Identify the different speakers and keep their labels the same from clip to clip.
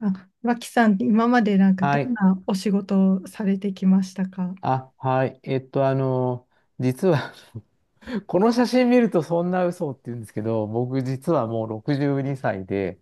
Speaker 1: あ、脇さん、今までなんかど
Speaker 2: は
Speaker 1: ん
Speaker 2: い。
Speaker 1: なお仕事をされてきましたか？
Speaker 2: あ、はい。実は、 この写真見るとそんな嘘って言うんですけど、僕実はもう62歳で、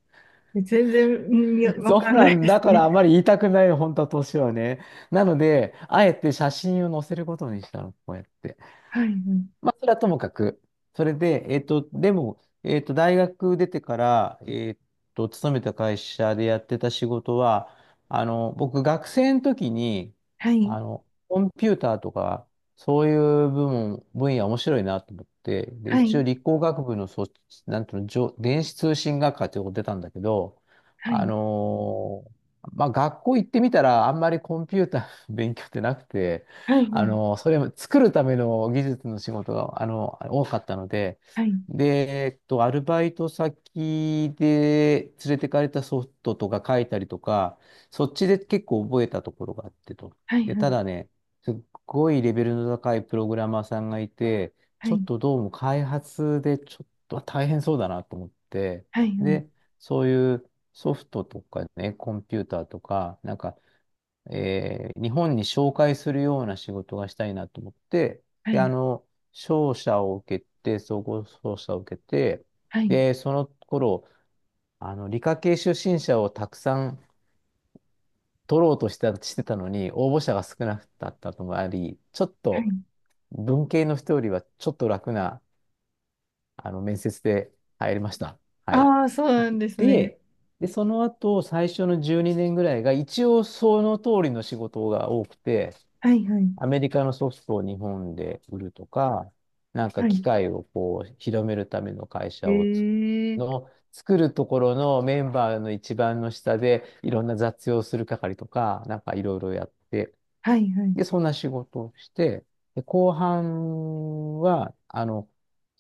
Speaker 1: え、全然、うん、いや、 わ
Speaker 2: そう
Speaker 1: かん
Speaker 2: な
Speaker 1: ない
Speaker 2: ん
Speaker 1: です
Speaker 2: だか
Speaker 1: ね。
Speaker 2: ら、あまり言いたくないの、本当は年はね。なので、あえて写真を載せることにしたの、こうやって。
Speaker 1: はい、
Speaker 2: まあ、それはともかく。それで、えっと、でも、えっと、大学出てから、勤めた会社でやってた仕事は、僕、学生の時に、
Speaker 1: はい、
Speaker 2: コンピューターとか、そういう部門、分野面白いなと思って、で、
Speaker 1: は
Speaker 2: 一応
Speaker 1: い、
Speaker 2: 理工学部のそ、なんていうの、じょ電子通信学科っていうとこ出たんだけど、
Speaker 1: はい、
Speaker 2: あのーまあ、学校行ってみたら、あんまりコンピューターの勉強ってなくて、
Speaker 1: はい、は
Speaker 2: それも作るための技術の仕事が、多かったので、
Speaker 1: い、
Speaker 2: で、アルバイト先で連れてかれたソフトとか書いたりとか、そっちで結構覚えたところがあってと。
Speaker 1: はい、
Speaker 2: で、
Speaker 1: はい、
Speaker 2: ただね、すっごいレベルの高いプログラマーさんがいて、
Speaker 1: は
Speaker 2: ちょっ
Speaker 1: い、
Speaker 2: とどうも開発でちょっと大変そうだなと思って、
Speaker 1: はい、
Speaker 2: で、そういうソフトとかね、コンピューターとか、なんか日本に紹介するような仕事がしたいなと思って、
Speaker 1: はい、は
Speaker 2: で、
Speaker 1: い、
Speaker 2: 商社を受けて、総合商社を受けて、
Speaker 1: はい、
Speaker 2: で、その頃、理科系出身者をたくさん取ろうとしてた、してたのに、応募者が少なかったともあり、ちょっ
Speaker 1: は
Speaker 2: と
Speaker 1: い。
Speaker 2: 文系の人よりはちょっと楽な、面接で入りました。はい。
Speaker 1: ああー、そうなんですね。
Speaker 2: で、で、その後、最初の12年ぐらいが、一応その通りの仕事が多くて、
Speaker 1: はい、はい、
Speaker 2: アメリカのソフトを日本で売るとか、なんか
Speaker 1: は
Speaker 2: 機
Speaker 1: い。
Speaker 2: 械をこう広めるための会社をつ
Speaker 1: ええ、
Speaker 2: の作るところのメンバーの一番の下でいろんな雑用する係とか、なんかいろいろやって、
Speaker 1: はい、はい、
Speaker 2: で、そんな仕事をして、で、後半は、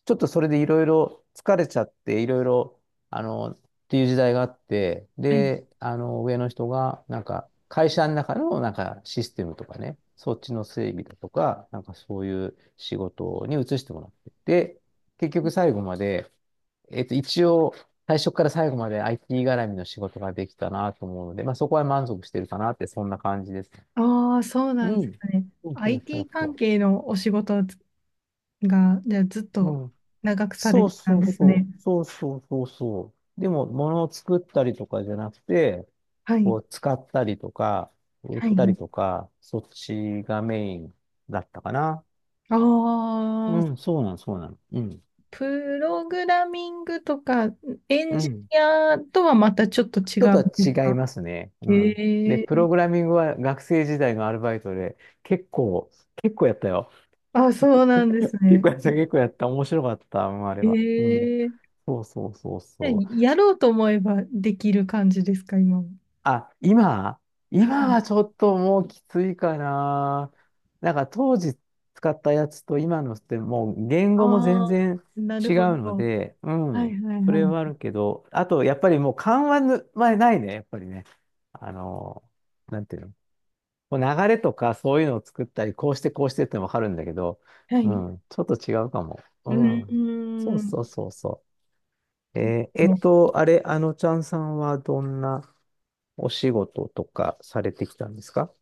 Speaker 2: ちょっとそれでいろいろ疲れちゃって、いろいろ、あの、っていう時代があって、
Speaker 1: はい。
Speaker 2: で、あの、上の人が、なんか、会社の中の、なんか、システムとかね、そっちの整備だとか、なんかそういう仕事に移してもらって、で、結局最後まで、一応、最初から最後まで IT 絡みの仕事ができたなと思うので、まあ、そこは満足してるかなって、そんな感じです。
Speaker 1: ああ、そうなん
Speaker 2: う
Speaker 1: で
Speaker 2: ん。
Speaker 1: すね。
Speaker 2: そうそうそ
Speaker 1: IT
Speaker 2: う
Speaker 1: 関
Speaker 2: そ
Speaker 1: 係のお仕事が、じゃあずっ
Speaker 2: う。う
Speaker 1: と
Speaker 2: ん。
Speaker 1: 長くされ
Speaker 2: そう
Speaker 1: てた
Speaker 2: そ
Speaker 1: ん
Speaker 2: う
Speaker 1: ですね。
Speaker 2: そう。そうそうそうそう。でも、物を作ったりとかじゃなくて、
Speaker 1: は
Speaker 2: こ
Speaker 1: い、
Speaker 2: う、使ったりとか、売っ
Speaker 1: は
Speaker 2: たり
Speaker 1: い。
Speaker 2: とか、そっちがメインだったかな。
Speaker 1: あ
Speaker 2: う
Speaker 1: あ、
Speaker 2: ん、そうなの、そうなの。うん。
Speaker 1: プログラミングとかエン
Speaker 2: う
Speaker 1: ジ
Speaker 2: ん。
Speaker 1: ニアとはまたちょっと違
Speaker 2: ちょっ
Speaker 1: う
Speaker 2: と
Speaker 1: ん
Speaker 2: は
Speaker 1: です
Speaker 2: 違い
Speaker 1: か？
Speaker 2: ますね。う
Speaker 1: え
Speaker 2: ん。で、
Speaker 1: え
Speaker 2: プ
Speaker 1: ー、
Speaker 2: ログラミングは学生時代のアルバイトで、結構、結構やったよ。
Speaker 1: あ、そうなんです
Speaker 2: 結
Speaker 1: ね。
Speaker 2: 構やった、結構やった。面白かった、あれは。うん。
Speaker 1: ええ
Speaker 2: そうそうそうそ
Speaker 1: ー、
Speaker 2: う。
Speaker 1: やろうと思えばできる感じですか、今も。
Speaker 2: あ、今、
Speaker 1: は
Speaker 2: 今
Speaker 1: い。
Speaker 2: はちょっともうきついかな。なんか当時使ったやつと今のってもう言
Speaker 1: あ
Speaker 2: 語も全
Speaker 1: あ、
Speaker 2: 然
Speaker 1: なる
Speaker 2: 違
Speaker 1: ほ
Speaker 2: うの
Speaker 1: ど。
Speaker 2: で、う
Speaker 1: は
Speaker 2: ん、
Speaker 1: い、はい、
Speaker 2: それ
Speaker 1: は
Speaker 2: はあるけど、あとやっぱりもう緩和ぬ、まあ、ないね、やっぱりね。あの、なんていうの、こう流れとかそういうのを作ったり、こうしてこうしてってわかるんだけど、
Speaker 1: い。は
Speaker 2: う
Speaker 1: い。う
Speaker 2: ん、ちょっと違うかも。
Speaker 1: ー
Speaker 2: うん。そうそう
Speaker 1: ん。
Speaker 2: そうそう。あれ、あのちゃんさんはどんなお仕事とかされてきたんですか？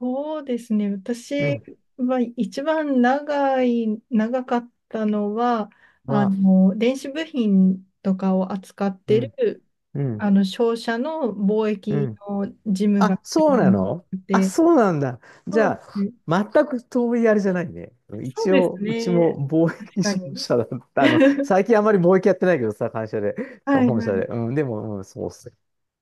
Speaker 1: そうですね。
Speaker 2: う
Speaker 1: 私
Speaker 2: ん。
Speaker 1: は一番長い、長かったのは、あ
Speaker 2: は、
Speaker 1: の、電子部品とかを扱っ
Speaker 2: う
Speaker 1: て
Speaker 2: ん、
Speaker 1: る、
Speaker 2: うん、
Speaker 1: あの、商社の貿
Speaker 2: う
Speaker 1: 易
Speaker 2: ん。
Speaker 1: の事務が
Speaker 2: あ、
Speaker 1: 一
Speaker 2: そうな
Speaker 1: 番
Speaker 2: の、
Speaker 1: 多く
Speaker 2: あ、
Speaker 1: て、
Speaker 2: そうなんだ。じ
Speaker 1: そうで
Speaker 2: ゃ
Speaker 1: す
Speaker 2: あ、
Speaker 1: ね。
Speaker 2: 全く遠いあれじゃないね。
Speaker 1: そう
Speaker 2: 一
Speaker 1: です
Speaker 2: 応、うちも
Speaker 1: ね。
Speaker 2: 貿
Speaker 1: 確
Speaker 2: 易
Speaker 1: か
Speaker 2: 商
Speaker 1: に。
Speaker 2: 社だった。最近あまり貿易やってないけどさ、会社で、そう、
Speaker 1: はい
Speaker 2: 本社
Speaker 1: は
Speaker 2: で。うん、でも、うん、そうっす。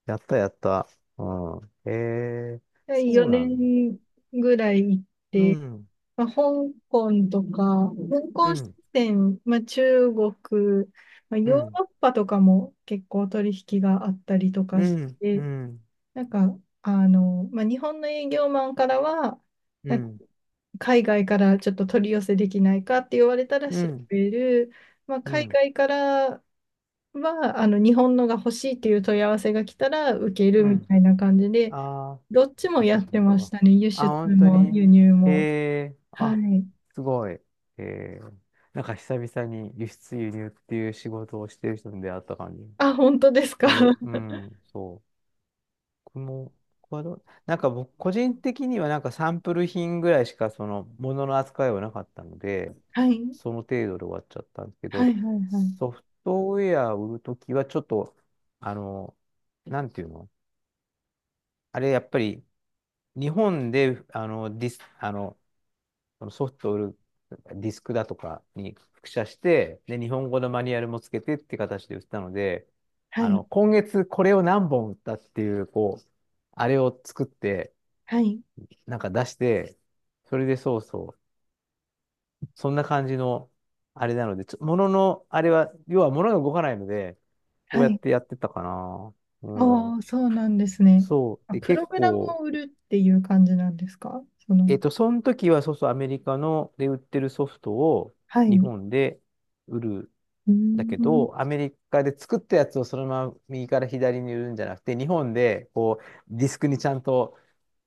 Speaker 2: やった、やった。うん。へえ、
Speaker 1: い。
Speaker 2: そうな
Speaker 1: 4
Speaker 2: んだ。
Speaker 1: 年ぐらい行っ
Speaker 2: う
Speaker 1: て、
Speaker 2: ん、
Speaker 1: まあ、香港とか、香
Speaker 2: う
Speaker 1: 港支
Speaker 2: ん、
Speaker 1: 店、まあ、中国、まあ、
Speaker 2: う
Speaker 1: ヨー
Speaker 2: ん、
Speaker 1: ロッパとかも結構取引があったりと
Speaker 2: う
Speaker 1: かし
Speaker 2: ん、う
Speaker 1: て、
Speaker 2: ん、
Speaker 1: なんか、あの、まあ、日本の営業マンからは、
Speaker 2: う
Speaker 1: なんか
Speaker 2: ん、
Speaker 1: 海外からちょっと取り寄せできないかって言われたら
Speaker 2: う
Speaker 1: 調
Speaker 2: ん、
Speaker 1: べる、まあ、
Speaker 2: う
Speaker 1: 海
Speaker 2: ん、
Speaker 1: 外からは、あの、日本のが欲しいっていう問い合わせが来たら受け
Speaker 2: う
Speaker 1: るみ
Speaker 2: ん。
Speaker 1: たいな感じで、
Speaker 2: ああ、
Speaker 1: どっち
Speaker 2: そっ
Speaker 1: も
Speaker 2: か
Speaker 1: や
Speaker 2: そっ
Speaker 1: っ
Speaker 2: かそ
Speaker 1: て
Speaker 2: っ
Speaker 1: まし
Speaker 2: か。
Speaker 1: たね、輸
Speaker 2: あ、
Speaker 1: 出
Speaker 2: 本当
Speaker 1: も
Speaker 2: に。
Speaker 1: 輸入
Speaker 2: へ
Speaker 1: も。
Speaker 2: え、
Speaker 1: は
Speaker 2: あ、
Speaker 1: い。
Speaker 2: すごい。へえ、なんか久々に輸出輸入っていう仕事をしてる人に出会った感じ
Speaker 1: あ、本当ですか。
Speaker 2: する。う ん、そう。僕も、僕はどうなんか僕、個人的にはなんかサンプル品ぐらいしかそのものの扱いはなかったので、
Speaker 1: はい、
Speaker 2: その程度で終わっちゃったんですけ
Speaker 1: は
Speaker 2: ど、
Speaker 1: い、はい、
Speaker 2: ソフトウェアを売るときはちょっと、あの、なんていうの、あれ、やっぱり、日本で、あの、ディス、あの、ソフトを売るディスクだとかに複写して、で、日本語のマニュアルもつけてって形で売ったので、
Speaker 1: はい、はい、
Speaker 2: 今月これを何本売ったっていう、こう、あれを作って、
Speaker 1: はい、
Speaker 2: なんか出して、それでそうそう、そんな感じの、あれなので、ちょ、のあれは、要は物が動かないので、こう
Speaker 1: は
Speaker 2: やっ
Speaker 1: い。
Speaker 2: てやってたかな。う
Speaker 1: あ
Speaker 2: ん。
Speaker 1: あ、そうなんですね。
Speaker 2: そう。
Speaker 1: あ、
Speaker 2: で、
Speaker 1: プロ
Speaker 2: 結
Speaker 1: グラム
Speaker 2: 構、
Speaker 1: を売るっていう感じなんですか、その。
Speaker 2: その時は、そうそう、アメリカので売ってるソフトを
Speaker 1: はい。
Speaker 2: 日
Speaker 1: う
Speaker 2: 本で売る。
Speaker 1: ー
Speaker 2: だけ
Speaker 1: ん、
Speaker 2: ど、アメリカで作ったやつをそのまま右から左に売るんじゃなくて、日本でこうディスクにちゃんと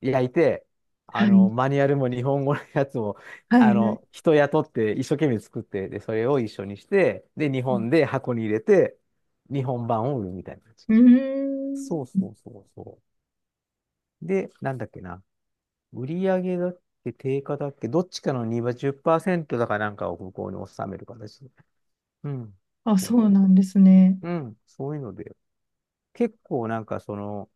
Speaker 2: 焼いて、
Speaker 1: はい、
Speaker 2: マニュアルも日本語のやつも、
Speaker 1: はい、はい。
Speaker 2: 人雇って一生懸命作って、で、それを一緒にして、で、日本で箱に入れて、日本版を売るみたいな感じ。
Speaker 1: うー
Speaker 2: そう
Speaker 1: ん。
Speaker 2: そうそうそう。で、なんだっけな。売り上げだっけ、定価だっけ、どっちかの2は10%だかなんかを向こうに収める形で。うん。
Speaker 1: あ、
Speaker 2: そ
Speaker 1: そ
Speaker 2: う
Speaker 1: う
Speaker 2: そ
Speaker 1: なんですね。
Speaker 2: う。うん。そういうので。結構なんかその、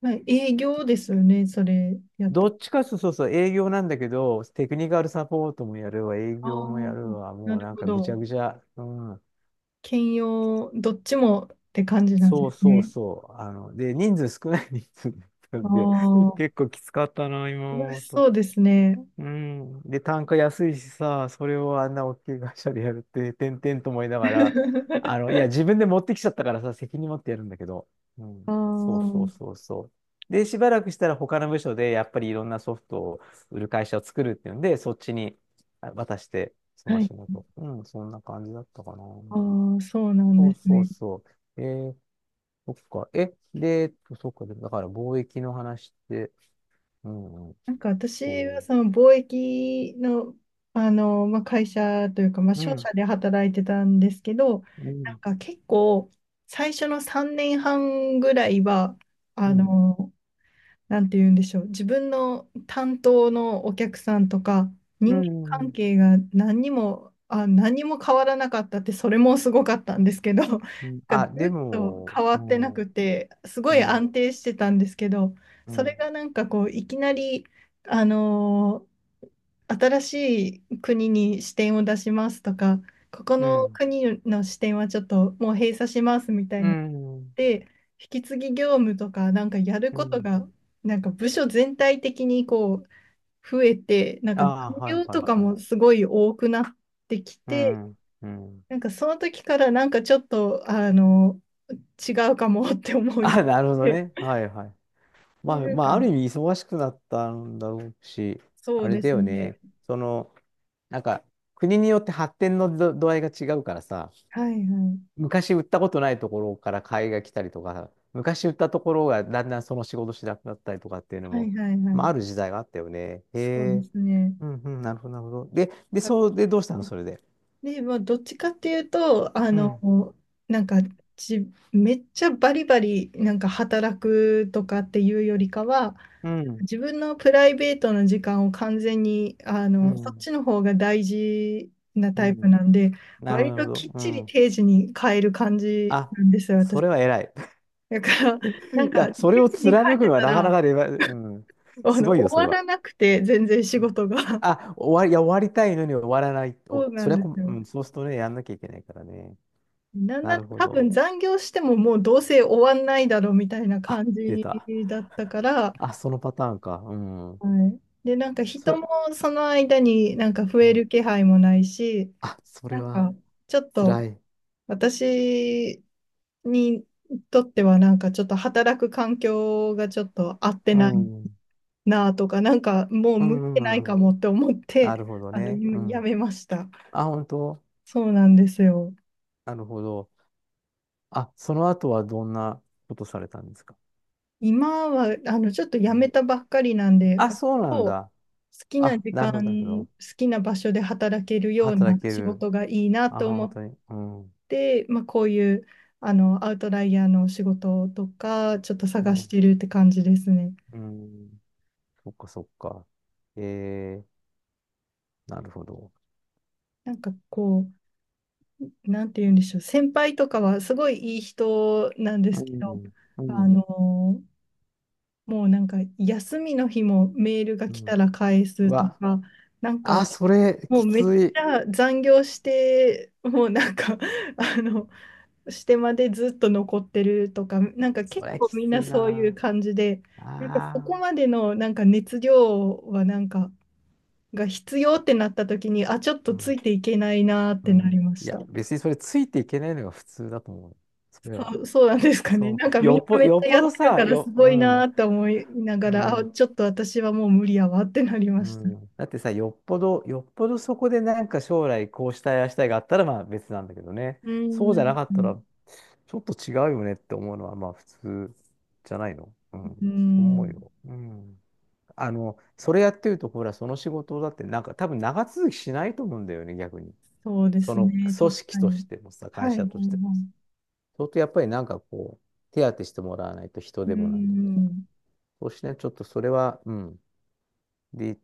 Speaker 1: はい、営業ですよね、それやっ
Speaker 2: ど
Speaker 1: と。
Speaker 2: っちかというとそうそう営業なんだけど、テクニカルサポートもやるわ、営
Speaker 1: あ
Speaker 2: 業
Speaker 1: あ、
Speaker 2: もやるわ、
Speaker 1: な
Speaker 2: もう
Speaker 1: る
Speaker 2: なん
Speaker 1: ほ
Speaker 2: かぐち
Speaker 1: ど。
Speaker 2: ゃぐちゃ。うん。
Speaker 1: 兼用、どっちもって感じなんで
Speaker 2: そう
Speaker 1: す
Speaker 2: そう
Speaker 1: ね。
Speaker 2: そう。で、人数少ない人数だった
Speaker 1: あ
Speaker 2: んで、結
Speaker 1: あ、
Speaker 2: 構きつかったな、今
Speaker 1: 楽
Speaker 2: 思う
Speaker 1: し
Speaker 2: と。
Speaker 1: そうですね。
Speaker 2: うん。で、単価安いしさ、それをあんな大きい会社でやるって、てんてんと思いながら、あの、いや、自分で持ってきちゃったからさ、責任持ってやるんだけど。うん。
Speaker 1: あ
Speaker 2: そうそう
Speaker 1: あ。
Speaker 2: そうそう。で、しばらくしたら他の部署で、やっぱりいろんなソフトを売る会社を作るっていうんで、そっちに、あ、渡して、そ
Speaker 1: は
Speaker 2: の
Speaker 1: い。
Speaker 2: 仕事。うん、そんな感じだったかな。
Speaker 1: ああ、そうなんで
Speaker 2: そう
Speaker 1: す
Speaker 2: そう
Speaker 1: ね。
Speaker 2: そう。ー、そっか。え、で、えっとそっか。でだから貿易の話って、うん、うん、
Speaker 1: なんか私は
Speaker 2: そ
Speaker 1: その貿易の、あの、まあ、会社というか、まあ、
Speaker 2: う。う
Speaker 1: 商社
Speaker 2: ん、
Speaker 1: で働いてたんですけど、
Speaker 2: う
Speaker 1: なん
Speaker 2: ん、
Speaker 1: か結構最初の3年半ぐらいは、
Speaker 2: う
Speaker 1: あ
Speaker 2: ん。
Speaker 1: の、なんて言うんでしょう、自分の担当のお客さんとか、
Speaker 2: う
Speaker 1: 人間関
Speaker 2: ん。
Speaker 1: 係が何にも、あ、何にも変わらなかったって、それもすごかったんですけど、なんか
Speaker 2: うん。
Speaker 1: ず
Speaker 2: あ、で
Speaker 1: っと
Speaker 2: も、
Speaker 1: 変わ
Speaker 2: う
Speaker 1: って
Speaker 2: ん、
Speaker 1: なくて、すごい
Speaker 2: うん、
Speaker 1: 安定してたんですけど、
Speaker 2: う
Speaker 1: それ
Speaker 2: ん、
Speaker 1: がなんかこう、いきなり、あのー新しい国に視点を出しますとか、ここ
Speaker 2: う
Speaker 1: の
Speaker 2: ん、
Speaker 1: 国の視点はちょっともう閉鎖しますみたい
Speaker 2: う
Speaker 1: に
Speaker 2: ん、
Speaker 1: で引き継ぎ業務とかなんかやる
Speaker 2: う
Speaker 1: こと
Speaker 2: ん。
Speaker 1: がなんか部署全体的にこう増えて、なん
Speaker 2: あ
Speaker 1: か残
Speaker 2: あ、はい
Speaker 1: 業
Speaker 2: は
Speaker 1: と
Speaker 2: い
Speaker 1: か
Speaker 2: はい。
Speaker 1: もすごい多くなってき
Speaker 2: う
Speaker 1: て、
Speaker 2: ん、うん。
Speaker 1: なんかその時からなんかちょっとあの違うかもって 思い出
Speaker 2: あ、
Speaker 1: し
Speaker 2: なるほど
Speaker 1: て、
Speaker 2: ね。はいはい。まあ、
Speaker 1: なん
Speaker 2: ま
Speaker 1: か
Speaker 2: あ、ある意味忙しくなったんだろうし、
Speaker 1: そ
Speaker 2: あ
Speaker 1: う
Speaker 2: れ
Speaker 1: で
Speaker 2: だ
Speaker 1: す
Speaker 2: よね。
Speaker 1: ね。
Speaker 2: その、なんか、国によって発展のど度合いが違うからさ、
Speaker 1: はい、はい、
Speaker 2: 昔売ったことないところから買いが来たりとか、昔売ったところがだんだんその仕事しなくなったりとかっていうの
Speaker 1: は
Speaker 2: も、
Speaker 1: い、はい、は
Speaker 2: まあ、ある
Speaker 1: い、
Speaker 2: 時代があったよね。へ
Speaker 1: そうで
Speaker 2: え。
Speaker 1: すね。
Speaker 2: うん、うん、なるほど、なるほど。で、で、そうで、どうしたのそれで。
Speaker 1: で、まあ、どっちかっていうと、あ
Speaker 2: うん、
Speaker 1: の、なんかじ、めっちゃバリバリ、なんか働くとかっていうよりかは、
Speaker 2: うん、
Speaker 1: 自分のプライベートの時間を完全に、あ
Speaker 2: う
Speaker 1: の、そっ
Speaker 2: ん、
Speaker 1: ちの方が大事な
Speaker 2: う
Speaker 1: タイプ
Speaker 2: ん。
Speaker 1: なんで、
Speaker 2: なるほど、
Speaker 1: 割
Speaker 2: なるほ
Speaker 1: とき
Speaker 2: ど。
Speaker 1: っ
Speaker 2: う
Speaker 1: ちり
Speaker 2: ん。
Speaker 1: 定時に変える感じ
Speaker 2: あ、
Speaker 1: なんですよ、
Speaker 2: そ
Speaker 1: 私。
Speaker 2: れは偉い。
Speaker 1: だから、なん
Speaker 2: いや、
Speaker 1: か、定
Speaker 2: それを
Speaker 1: 時に帰っ
Speaker 2: 貫く
Speaker 1: て
Speaker 2: のは
Speaker 1: た
Speaker 2: なかな
Speaker 1: ら、
Speaker 2: かで、うん。
Speaker 1: あ
Speaker 2: す
Speaker 1: の、
Speaker 2: ごいよ、そ
Speaker 1: 終
Speaker 2: れ
Speaker 1: わ
Speaker 2: は。
Speaker 1: らなくて、全然仕事が。
Speaker 2: あ、終わり、いや、終わりたいのに終わらない。
Speaker 1: そ
Speaker 2: お、
Speaker 1: うな
Speaker 2: そ
Speaker 1: ん
Speaker 2: れは
Speaker 1: です
Speaker 2: こ、う
Speaker 1: よ。
Speaker 2: ん、そうするとね、やんなきゃいけないからね。
Speaker 1: なん
Speaker 2: な
Speaker 1: なら
Speaker 2: るほ
Speaker 1: 多分
Speaker 2: ど。
Speaker 1: 残業してももうどうせ終わんないだろうみたいな
Speaker 2: あ、
Speaker 1: 感
Speaker 2: 出
Speaker 1: じ
Speaker 2: た。
Speaker 1: だったから、
Speaker 2: あ、そのパターンか。うん。
Speaker 1: はい、で、なんか人
Speaker 2: そ、
Speaker 1: もその間になんか増
Speaker 2: う
Speaker 1: え
Speaker 2: ん、
Speaker 1: る気配もないし、
Speaker 2: あ、それ
Speaker 1: なん
Speaker 2: は、
Speaker 1: かちょっ
Speaker 2: 辛
Speaker 1: と
Speaker 2: い。
Speaker 1: 私にとってはなんかちょっと働く環境がちょっと合って
Speaker 2: う
Speaker 1: ない
Speaker 2: ん。うん、
Speaker 1: なとか、なんかもう
Speaker 2: う
Speaker 1: 向いてない
Speaker 2: ん、う
Speaker 1: か
Speaker 2: ん。
Speaker 1: もって思っ
Speaker 2: な
Speaker 1: て、
Speaker 2: るほど
Speaker 1: あの、
Speaker 2: ね。う
Speaker 1: や
Speaker 2: ん。
Speaker 1: めました。
Speaker 2: あ、本当。
Speaker 1: そうなんですよ。
Speaker 2: なるほど。あ、その後はどんなことされたんですか？
Speaker 1: 今は、あの、ちょっと辞
Speaker 2: う
Speaker 1: め
Speaker 2: ん、
Speaker 1: たばっかりなんで、
Speaker 2: あ、
Speaker 1: 割
Speaker 2: そうな
Speaker 1: と
Speaker 2: ん
Speaker 1: 好
Speaker 2: だ。
Speaker 1: きな
Speaker 2: あ、
Speaker 1: 時
Speaker 2: なるほど、なるほ
Speaker 1: 間、好
Speaker 2: ど。
Speaker 1: きな場所で働けるような
Speaker 2: 働け
Speaker 1: 仕
Speaker 2: る。
Speaker 1: 事がいいな
Speaker 2: あ、
Speaker 1: と思
Speaker 2: 本
Speaker 1: っ
Speaker 2: 当に。うん。
Speaker 1: て、まあ、こういう、あの、アウトライヤーの仕事とか、ちょっと
Speaker 2: う
Speaker 1: 探し
Speaker 2: ん。
Speaker 1: てるって感じですね。
Speaker 2: うん。そっか、そっか。えー、なるほど。
Speaker 1: なんかこう、なんて言うんでしょう、先輩とかはすごいいい人なんで
Speaker 2: う
Speaker 1: すけど、
Speaker 2: ん。う
Speaker 1: あ
Speaker 2: ん。
Speaker 1: の、もうなんか休みの日もメールが
Speaker 2: う
Speaker 1: 来
Speaker 2: ん。
Speaker 1: たら返
Speaker 2: う
Speaker 1: すと
Speaker 2: わ。
Speaker 1: か、なんか、
Speaker 2: あ、それ、
Speaker 1: もう
Speaker 2: き
Speaker 1: めっ
Speaker 2: つ
Speaker 1: ち
Speaker 2: い。
Speaker 1: ゃ残業して、もうなんか あの、してまでずっと残ってるとか、なんか
Speaker 2: そ
Speaker 1: 結
Speaker 2: れ、
Speaker 1: 構
Speaker 2: き
Speaker 1: みん
Speaker 2: つ
Speaker 1: な
Speaker 2: い
Speaker 1: そういう
Speaker 2: な。
Speaker 1: 感じで、
Speaker 2: あ
Speaker 1: なんかそこ
Speaker 2: あ。
Speaker 1: までのなんか熱量はなんか、が必要ってなった時に、あ、ちょっと
Speaker 2: う
Speaker 1: つ
Speaker 2: ん。
Speaker 1: いていけないなーっ
Speaker 2: う
Speaker 1: てなり
Speaker 2: ん。
Speaker 1: ま
Speaker 2: い
Speaker 1: し
Speaker 2: や、
Speaker 1: た。
Speaker 2: 別にそれ、ついていけないのが普通だと思う。それは。
Speaker 1: そう、そうなんですかね。
Speaker 2: そ
Speaker 1: なんか
Speaker 2: う。
Speaker 1: み
Speaker 2: よ
Speaker 1: ん
Speaker 2: っ
Speaker 1: な
Speaker 2: ぽ、
Speaker 1: めっ
Speaker 2: よ
Speaker 1: ち
Speaker 2: っ
Speaker 1: ゃや
Speaker 2: ぽ
Speaker 1: って
Speaker 2: ど
Speaker 1: る
Speaker 2: さ、
Speaker 1: からす
Speaker 2: よ、う
Speaker 1: ごいな
Speaker 2: ん。
Speaker 1: ーって思いなが
Speaker 2: う
Speaker 1: ら、あ、
Speaker 2: ん。
Speaker 1: ちょっと私はもう無理やわってなりま
Speaker 2: う
Speaker 1: した。
Speaker 2: ん、だってさ、よっぽど、よっぽどそこでなんか将来こうしたい、ああしたいがあったらまあ別なんだけどね。
Speaker 1: う
Speaker 2: そうじゃな
Speaker 1: ん。
Speaker 2: かったら、ちょっと違うよねって思うのはまあ普通じゃないの、う
Speaker 1: う
Speaker 2: ん、そう思う
Speaker 1: ん。
Speaker 2: よ。うん。それやってると、ほら、その仕事だってなんか多分長続きしないと思うんだよね、逆に。
Speaker 1: そうで
Speaker 2: そ
Speaker 1: す
Speaker 2: の
Speaker 1: ね、
Speaker 2: 組
Speaker 1: 確か
Speaker 2: 織と
Speaker 1: に。
Speaker 2: してもさ、
Speaker 1: はい、
Speaker 2: 会
Speaker 1: はい、は
Speaker 2: 社としてもさ。相当やっぱりなんかこう、手当てしてもらわないと人
Speaker 1: い。う
Speaker 2: でもなんでもさ。
Speaker 1: ん、
Speaker 2: そしてね、ちょっとそれは、うん。で、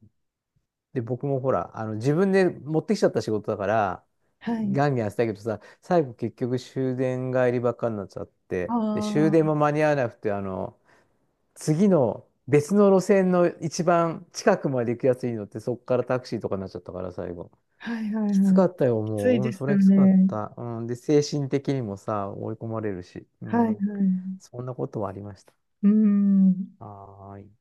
Speaker 2: で、僕もほら、自分で持ってきちゃった仕事だから、
Speaker 1: はい。
Speaker 2: ガンガンやってたけどさ、最後結局終電帰りばっかになっちゃっ
Speaker 1: あ
Speaker 2: て、で、終電
Speaker 1: あ、
Speaker 2: も間に合わなくて、次の別の路線の一番近くまで行くやつに乗って、そっからタクシーとかになっちゃったから、最後。
Speaker 1: はい、はい、
Speaker 2: きつ
Speaker 1: はい。
Speaker 2: かったよ、
Speaker 1: きつ
Speaker 2: も
Speaker 1: い
Speaker 2: う。う
Speaker 1: で
Speaker 2: ん、
Speaker 1: す
Speaker 2: それ
Speaker 1: よ
Speaker 2: はきつかっ
Speaker 1: ね。
Speaker 2: た。うん、で、精神的にもさ、追い込まれるし。う
Speaker 1: はい、は
Speaker 2: ん。
Speaker 1: い。
Speaker 2: そんなことはありました。
Speaker 1: うん。
Speaker 2: はーい。